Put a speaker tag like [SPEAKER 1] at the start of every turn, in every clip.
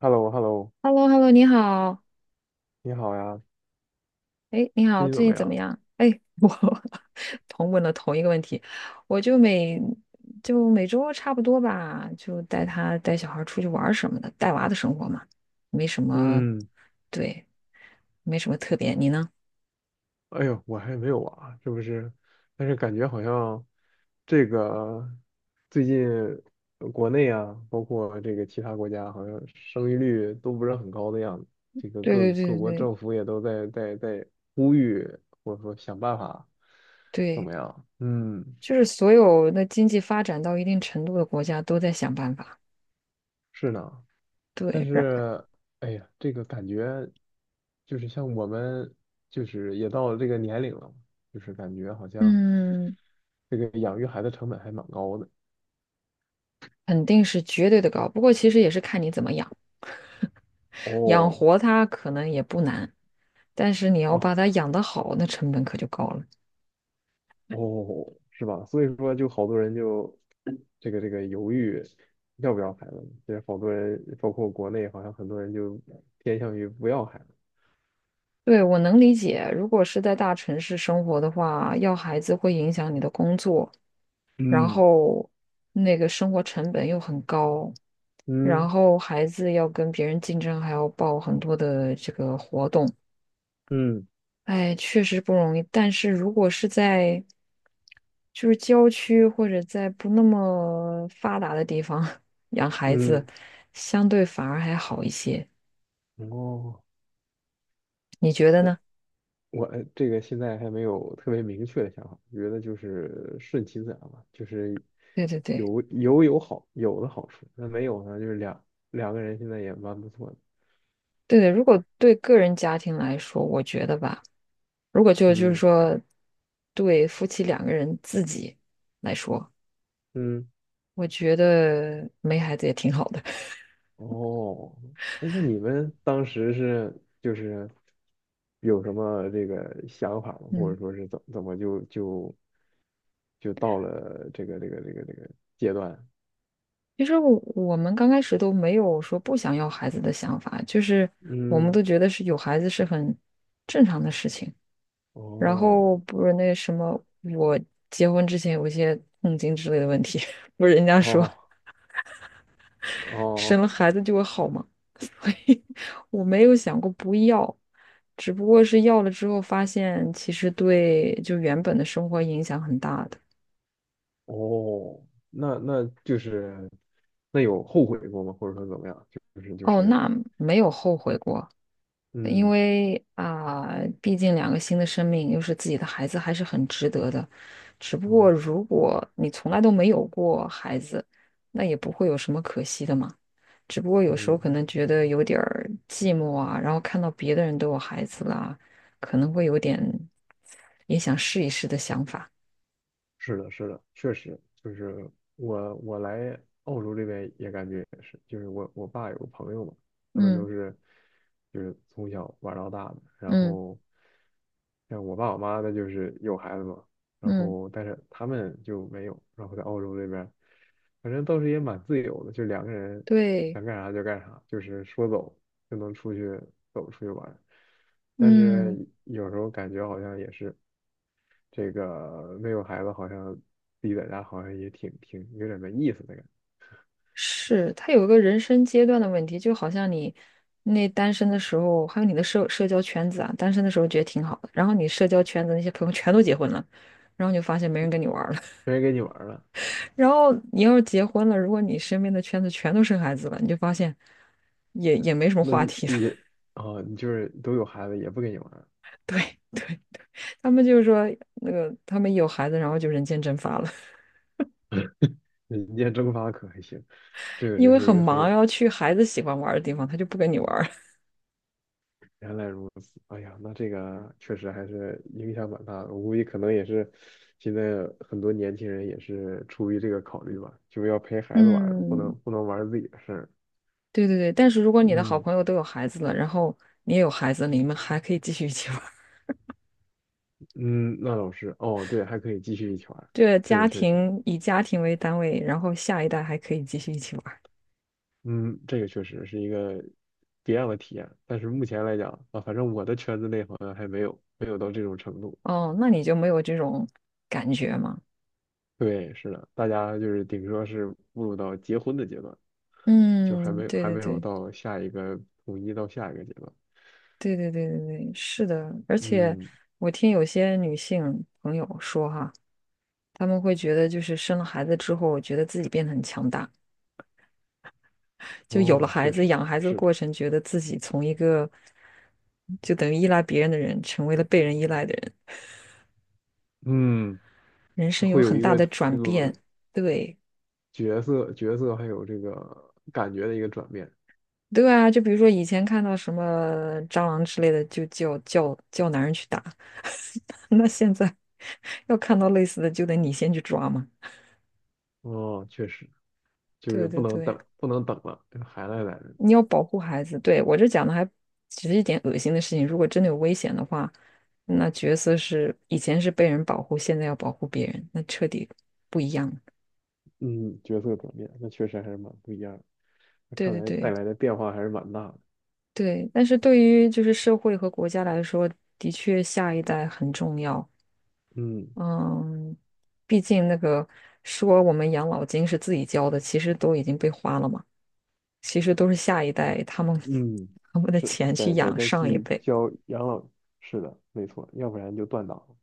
[SPEAKER 1] h e l l o h e l l o
[SPEAKER 2] h e l l o Hello 你好，
[SPEAKER 1] 你好呀，
[SPEAKER 2] 哎，你好，
[SPEAKER 1] 最近怎
[SPEAKER 2] 最
[SPEAKER 1] 么
[SPEAKER 2] 近怎么
[SPEAKER 1] 样？
[SPEAKER 2] 样？哎，我 同问了同一个问题，我就每周差不多吧，就带他带小孩儿出去玩儿什么的，带娃的生活嘛，没什么，
[SPEAKER 1] 嗯，
[SPEAKER 2] 对，没什么特别。你呢？
[SPEAKER 1] 哎呦，我还没有啊，是不是？但是感觉好像这个最近国内啊，包括这个其他国家，好像生育率都不是很高的样子。这个
[SPEAKER 2] 对
[SPEAKER 1] 各
[SPEAKER 2] 对
[SPEAKER 1] 各
[SPEAKER 2] 对对
[SPEAKER 1] 国
[SPEAKER 2] 对
[SPEAKER 1] 政府也都在呼吁，或者说想办法，怎
[SPEAKER 2] 对，
[SPEAKER 1] 么样？嗯，
[SPEAKER 2] 就是所有的经济发展到一定程度的国家都在想办法，
[SPEAKER 1] 是呢。但
[SPEAKER 2] 对，
[SPEAKER 1] 是，哎呀，这个感觉就是像我们，就是也到了这个年龄了嘛，就是感觉好像
[SPEAKER 2] 嗯，
[SPEAKER 1] 这个养育孩子成本还蛮高的。
[SPEAKER 2] 肯定是绝对的高，不过其实也是看你怎么养，养
[SPEAKER 1] 哦，
[SPEAKER 2] 活他可能也不难。但是你要
[SPEAKER 1] 哦，
[SPEAKER 2] 把它养得好，那成本可就高了。
[SPEAKER 1] 哦，是吧？所以说，就好多人就这个犹豫要不要孩子。其实好多人，包括国内，好像很多人就偏向于不要孩子。
[SPEAKER 2] 对，我能理解，如果是在大城市生活的话，要孩子会影响你的工作，然
[SPEAKER 1] 嗯
[SPEAKER 2] 后那个生活成本又很高，然
[SPEAKER 1] 嗯
[SPEAKER 2] 后孩子要跟别人竞争，还要报很多的这个活动，
[SPEAKER 1] 嗯
[SPEAKER 2] 哎，确实不容易。但是如果是在就是郊区或者在不那么发达的地方 养孩子，
[SPEAKER 1] 嗯，
[SPEAKER 2] 相对反而还好一些，
[SPEAKER 1] 哦。
[SPEAKER 2] 你觉得呢？
[SPEAKER 1] 我这个现在还没有特别明确的想法，觉得就是顺其自然吧，就是
[SPEAKER 2] 对对对。
[SPEAKER 1] 有好有的好处，那没有呢，就是两个人现在也蛮不错的，
[SPEAKER 2] 对的，如果对个人家庭来说，我觉得吧，如果就是
[SPEAKER 1] 嗯
[SPEAKER 2] 说，对夫妻两个人自己来说，
[SPEAKER 1] 嗯，
[SPEAKER 2] 我觉得没孩子也挺好的。
[SPEAKER 1] 哦，哎，那你们当时是就是有什么这个想法吗？或
[SPEAKER 2] 嗯，
[SPEAKER 1] 者说是怎么就到了这个阶段？
[SPEAKER 2] 其实我们刚开始都没有说不想要孩子的想法，就是我们
[SPEAKER 1] 嗯，
[SPEAKER 2] 都觉得是有孩子是很正常的事情。然
[SPEAKER 1] 哦
[SPEAKER 2] 后不是那什么，我结婚之前有一些痛经之类的问题，不是人家说
[SPEAKER 1] 哦哦。
[SPEAKER 2] 生了孩子就会好吗？所以我没有想过不要，只不过是要了之后发现，其实对就原本的生活影响很大的。
[SPEAKER 1] 哦，那就是那有后悔过吗？或者说怎么样？就是就
[SPEAKER 2] 哦，
[SPEAKER 1] 是，
[SPEAKER 2] 那没有后悔过，因
[SPEAKER 1] 嗯，
[SPEAKER 2] 为啊、毕竟两个新的生命又是自己的孩子，还是很值得的。只不过
[SPEAKER 1] 哦，
[SPEAKER 2] 如果你从来都没有过孩子，那也不会有什么可惜的嘛。只不过有时候
[SPEAKER 1] 嗯，
[SPEAKER 2] 可能觉得有点儿寂寞啊，然后看到别的人都有孩子啦，可能会有点也想试一试的想法。
[SPEAKER 1] 是的，是的，确实就是我来澳洲这边也感觉也是，就是我爸有个朋友嘛，他们
[SPEAKER 2] 嗯
[SPEAKER 1] 都是就是从小玩到大的，然
[SPEAKER 2] 嗯
[SPEAKER 1] 后像我爸我妈的就是有孩子嘛，然
[SPEAKER 2] 嗯，
[SPEAKER 1] 后但是他们就没有，然后在澳洲这边，反正倒是也蛮自由的，就两个人
[SPEAKER 2] 对，
[SPEAKER 1] 想干啥就干啥，就是说走就能出去走出去玩儿但是
[SPEAKER 2] 嗯，
[SPEAKER 1] 有时候感觉好像也是。这个没有孩子好像自己在家好像也挺有点没意思的感觉，
[SPEAKER 2] 是，他有一个人生阶段的问题，就好像你那单身的时候，还有你的社交圈子啊，单身的时候觉得挺好的，然后你社交圈子那些朋友全都结婚了，然后你就发现没人跟你玩儿了。
[SPEAKER 1] 没人跟你玩儿了，
[SPEAKER 2] 然后你要是结婚了，如果你身边的圈子全都生孩子了，你就发现也没什么
[SPEAKER 1] 那
[SPEAKER 2] 话
[SPEAKER 1] 你
[SPEAKER 2] 题了。
[SPEAKER 1] 也啊、你就是都有孩子也不跟你玩儿，
[SPEAKER 2] 对对，他们就是说那个他们有孩子，然后就人间蒸发了，
[SPEAKER 1] 人间蒸发可还行，这 个
[SPEAKER 2] 因
[SPEAKER 1] 真
[SPEAKER 2] 为
[SPEAKER 1] 是一
[SPEAKER 2] 很
[SPEAKER 1] 个很
[SPEAKER 2] 忙，
[SPEAKER 1] 有
[SPEAKER 2] 要去孩子喜欢玩的地方，他就不跟你玩儿。
[SPEAKER 1] 原来，哎呀，那这个确实还是影响蛮大的，我估计可能也是现在很多年轻人也是出于这个考虑吧，就是要陪 孩子玩儿不
[SPEAKER 2] 嗯，
[SPEAKER 1] 能不能玩儿自己的事儿，
[SPEAKER 2] 对对对，但是如果你的好
[SPEAKER 1] 嗯
[SPEAKER 2] 朋友都有孩子了，然后你也有孩子，你们还可以继续一起玩儿。
[SPEAKER 1] 嗯，那倒是，哦对，还可以继续一起玩儿
[SPEAKER 2] 这
[SPEAKER 1] 这个
[SPEAKER 2] 家
[SPEAKER 1] 确实。
[SPEAKER 2] 庭以家庭为单位，然后下一代还可以继续一起玩儿。
[SPEAKER 1] 嗯，这个确实是一个别样的体验，但是目前来讲啊，反正我的圈子内好像还没有到这种程度。
[SPEAKER 2] 哦，那你就没有这种感觉吗？
[SPEAKER 1] 对，是的，大家就是顶多是步入到结婚的阶段，就还
[SPEAKER 2] 嗯，
[SPEAKER 1] 没
[SPEAKER 2] 对
[SPEAKER 1] 还
[SPEAKER 2] 对
[SPEAKER 1] 没有
[SPEAKER 2] 对
[SPEAKER 1] 到下一个统一到下一个阶段。
[SPEAKER 2] 对对对对对，是的。而且
[SPEAKER 1] 嗯，
[SPEAKER 2] 我听有些女性朋友说哈，他们会觉得就是生了孩子之后，觉得自己变得很强大，就有了
[SPEAKER 1] 哦，
[SPEAKER 2] 孩
[SPEAKER 1] 确
[SPEAKER 2] 子，
[SPEAKER 1] 实
[SPEAKER 2] 养孩子的
[SPEAKER 1] 是的，
[SPEAKER 2] 过程，觉得自己从一个就等于依赖别人的人，成为了被人依赖的人，
[SPEAKER 1] 嗯，
[SPEAKER 2] 人
[SPEAKER 1] 就
[SPEAKER 2] 生有
[SPEAKER 1] 会有
[SPEAKER 2] 很
[SPEAKER 1] 一
[SPEAKER 2] 大
[SPEAKER 1] 个
[SPEAKER 2] 的转变。对，
[SPEAKER 1] 角色还有这个感觉的一个转变。
[SPEAKER 2] 对啊，就比如说以前看到什么蟑螂之类的，就叫男人去打，那现在 要看到类似的，就得你先去抓嘛。
[SPEAKER 1] 哦，确实，就是
[SPEAKER 2] 对
[SPEAKER 1] 不
[SPEAKER 2] 对
[SPEAKER 1] 能
[SPEAKER 2] 对。
[SPEAKER 1] 等不能等了，这个还来，
[SPEAKER 2] 你要保护孩子。对，我这讲的还只是一点恶心的事情，如果真的有危险的话，那角色是以前是被人保护，现在要保护别人，那彻底不一样了。
[SPEAKER 1] 嗯，角色转变，那确实还是蛮不一样的。那
[SPEAKER 2] 对
[SPEAKER 1] 看
[SPEAKER 2] 对
[SPEAKER 1] 来带
[SPEAKER 2] 对
[SPEAKER 1] 来的变化还是蛮大的。
[SPEAKER 2] 对，但是对于就是社会和国家来说，的确下一代很重要。
[SPEAKER 1] 嗯
[SPEAKER 2] 嗯，毕竟那个说我们养老金是自己交的，其实都已经被花了嘛，其实都是下一代他们
[SPEAKER 1] 嗯，
[SPEAKER 2] 他们的
[SPEAKER 1] 是，
[SPEAKER 2] 钱去
[SPEAKER 1] 得
[SPEAKER 2] 养
[SPEAKER 1] 再
[SPEAKER 2] 上一
[SPEAKER 1] 去
[SPEAKER 2] 辈。
[SPEAKER 1] 交养老，是的，没错，要不然就断档了。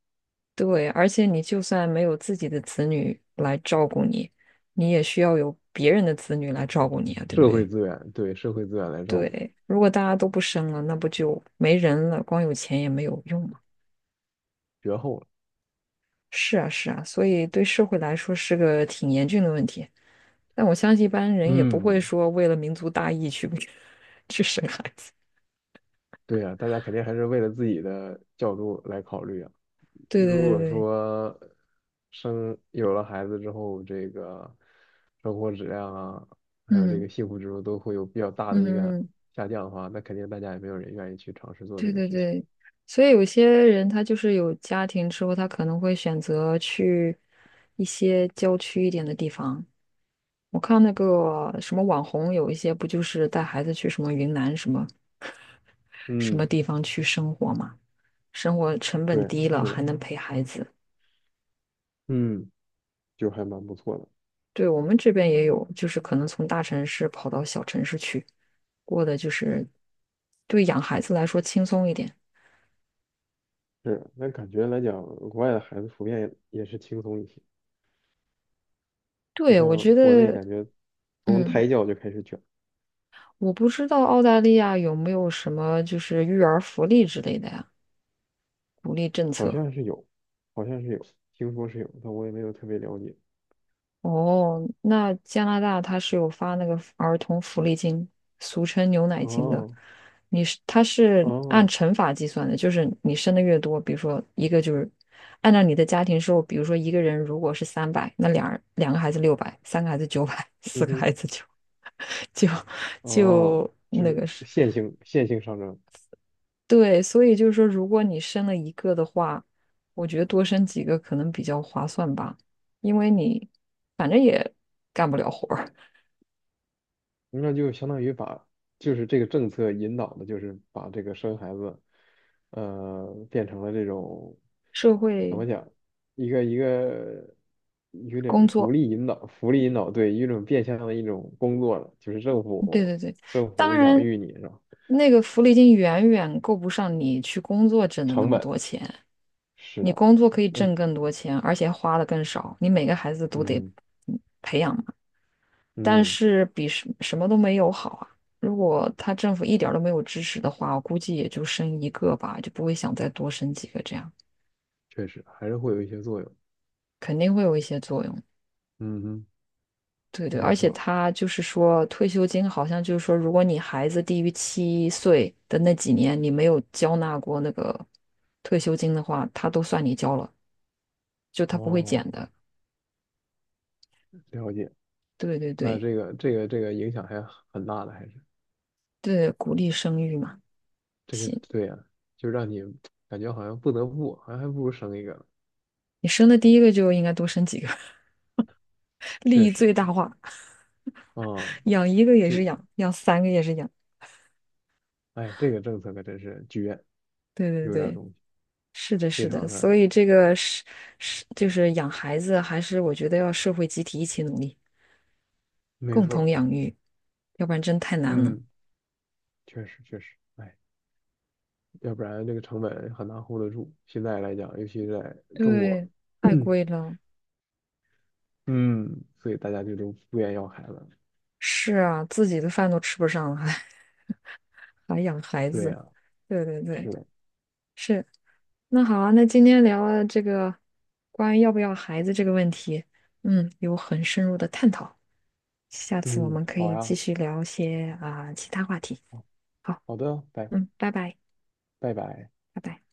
[SPEAKER 2] 对，而且你就算没有自己的子女来照顾你，你也需要有别人的子女来照顾你啊，对不
[SPEAKER 1] 社会
[SPEAKER 2] 对？
[SPEAKER 1] 资源，对社会资源来照顾，
[SPEAKER 2] 对，如果大家都不生了，那不就没人了？光有钱也没有用嘛。
[SPEAKER 1] 绝后了。
[SPEAKER 2] 是啊，是啊，所以对社会来说是个挺严峻的问题。但我相信一般人也不会
[SPEAKER 1] 嗯，
[SPEAKER 2] 说为了民族大义去 去生孩子。
[SPEAKER 1] 对呀，大家肯定还是为了自己的角度来考虑啊。
[SPEAKER 2] 对
[SPEAKER 1] 如
[SPEAKER 2] 对对
[SPEAKER 1] 果
[SPEAKER 2] 对，
[SPEAKER 1] 说有了孩子之后，这个生活质量啊，还有这
[SPEAKER 2] 嗯
[SPEAKER 1] 个幸福指数都会有比较大的一个
[SPEAKER 2] 嗯，嗯
[SPEAKER 1] 下降的话，那肯定大家也没有人愿意去尝试做
[SPEAKER 2] 对
[SPEAKER 1] 这个
[SPEAKER 2] 对
[SPEAKER 1] 事情。
[SPEAKER 2] 对，所以有些人他就是有家庭之后，他可能会选择去一些郊区一点的地方。我看那个什么网红，有一些不就是带孩子去什么云南什么什么
[SPEAKER 1] 嗯。
[SPEAKER 2] 地方去生活嘛，生活成本
[SPEAKER 1] 对，
[SPEAKER 2] 低了，
[SPEAKER 1] 是
[SPEAKER 2] 还
[SPEAKER 1] 的，
[SPEAKER 2] 能陪孩子。
[SPEAKER 1] 嗯，就还蛮不错的。
[SPEAKER 2] 对，我们这边也有，就是可能从大城市跑到小城市去，过的就是对养孩子来说轻松一点。
[SPEAKER 1] 是的那感觉来讲，国外的孩子普遍也是轻松一些，不
[SPEAKER 2] 对，我
[SPEAKER 1] 像
[SPEAKER 2] 觉
[SPEAKER 1] 国内
[SPEAKER 2] 得，
[SPEAKER 1] 感觉从
[SPEAKER 2] 嗯。
[SPEAKER 1] 胎教就开始卷，
[SPEAKER 2] 我不知道澳大利亚有没有什么就是育儿福利之类的呀，鼓励政
[SPEAKER 1] 好
[SPEAKER 2] 策。
[SPEAKER 1] 像是有，好像是有，听说是有，但我也没有特别了解。
[SPEAKER 2] 哦，那加拿大它是有发那个儿童福利金，俗称牛奶金的。
[SPEAKER 1] 哦，
[SPEAKER 2] 它是按
[SPEAKER 1] 哦，
[SPEAKER 2] 乘法计算的，就是你生的越多，比如说一个就是按照你的家庭收入，比如说一个人如果是300，那2人2个孩子600，3个孩子900，四
[SPEAKER 1] 嗯
[SPEAKER 2] 个
[SPEAKER 1] 哼，
[SPEAKER 2] 孩子就 就
[SPEAKER 1] 哦，
[SPEAKER 2] 就
[SPEAKER 1] 就
[SPEAKER 2] 那
[SPEAKER 1] 是
[SPEAKER 2] 个是。
[SPEAKER 1] 线性上升，
[SPEAKER 2] 对，所以就是说，如果你生了一个的话，我觉得多生几个可能比较划算吧，因为你反正也干不了活儿，
[SPEAKER 1] 那就相当于把，就是这个政策引导的，就是把这个生孩子，变成了这种，
[SPEAKER 2] 社
[SPEAKER 1] 怎
[SPEAKER 2] 会
[SPEAKER 1] 么讲，一个一个有
[SPEAKER 2] 工
[SPEAKER 1] 点福
[SPEAKER 2] 作，
[SPEAKER 1] 利引导，福利引导，对，一种变相的一种工作了，就是政
[SPEAKER 2] 对
[SPEAKER 1] 府
[SPEAKER 2] 对对，
[SPEAKER 1] 政
[SPEAKER 2] 当
[SPEAKER 1] 府养
[SPEAKER 2] 然
[SPEAKER 1] 育你是吧？
[SPEAKER 2] 那个福利金远远够不上你去工作挣的那
[SPEAKER 1] 成
[SPEAKER 2] 么
[SPEAKER 1] 本
[SPEAKER 2] 多钱，
[SPEAKER 1] 是
[SPEAKER 2] 你
[SPEAKER 1] 的，
[SPEAKER 2] 工作可以挣
[SPEAKER 1] 嗯
[SPEAKER 2] 更多钱，而且花的更少，你每个孩子都得
[SPEAKER 1] 嗯
[SPEAKER 2] 培养嘛但
[SPEAKER 1] 嗯，
[SPEAKER 2] 是比什么都没有好啊。如果他政府一点儿都没有支持的话，我估计也就生一个吧，就不会想再多生几个这样，
[SPEAKER 1] 确实还是会有一些作用，
[SPEAKER 2] 肯定会有一些作用。
[SPEAKER 1] 嗯哼，
[SPEAKER 2] 对对，
[SPEAKER 1] 没
[SPEAKER 2] 而且
[SPEAKER 1] 错，
[SPEAKER 2] 他就是说，退休金好像就是说，如果你孩子低于7岁的那几年，你没有交纳过那个退休金的话，他都算你交了，就他不会
[SPEAKER 1] 哦，
[SPEAKER 2] 减的。
[SPEAKER 1] 了解，
[SPEAKER 2] 对对
[SPEAKER 1] 那
[SPEAKER 2] 对
[SPEAKER 1] 这个影响还很大的，还是。
[SPEAKER 2] 对，鼓励生育嘛。
[SPEAKER 1] 这个
[SPEAKER 2] 行，
[SPEAKER 1] 对呀、就让你感觉好像不得不，好像还不如生一个呢
[SPEAKER 2] 你生的第一个就应该多生几个，利
[SPEAKER 1] 确
[SPEAKER 2] 益
[SPEAKER 1] 实，
[SPEAKER 2] 最大化。
[SPEAKER 1] 啊、
[SPEAKER 2] 养一个也
[SPEAKER 1] 就
[SPEAKER 2] 是养，养三个也是养。
[SPEAKER 1] 哎，这个政策可真是绝，
[SPEAKER 2] 对对
[SPEAKER 1] 有点
[SPEAKER 2] 对，
[SPEAKER 1] 东西，
[SPEAKER 2] 是的，
[SPEAKER 1] 非
[SPEAKER 2] 是的。
[SPEAKER 1] 常的
[SPEAKER 2] 所以这个是就是养孩子，还是我觉得要社会集体一起努力，
[SPEAKER 1] 没
[SPEAKER 2] 共同
[SPEAKER 1] 错，
[SPEAKER 2] 养育，要不然真太难了。
[SPEAKER 1] 嗯，确实确实，哎，要不然这个成本很难 hold 得住。现在来讲，尤其是在中国，
[SPEAKER 2] 对，太贵了。
[SPEAKER 1] 嗯，所以大家就都不愿意要孩子了
[SPEAKER 2] 是啊，自己的饭都吃不上了，还 还养孩
[SPEAKER 1] 对
[SPEAKER 2] 子。
[SPEAKER 1] 呀、
[SPEAKER 2] 对对对，
[SPEAKER 1] 是的，
[SPEAKER 2] 是。那好啊，那今天聊了这个关于要不要孩子这个问题，嗯，有很深入的探讨。下次我
[SPEAKER 1] 嗯，
[SPEAKER 2] 们可
[SPEAKER 1] 好
[SPEAKER 2] 以继
[SPEAKER 1] 呀，
[SPEAKER 2] 续聊一些啊、其他话题。
[SPEAKER 1] 好
[SPEAKER 2] 好，
[SPEAKER 1] 好的，拜
[SPEAKER 2] 嗯，拜拜，
[SPEAKER 1] 拜拜。
[SPEAKER 2] 拜拜。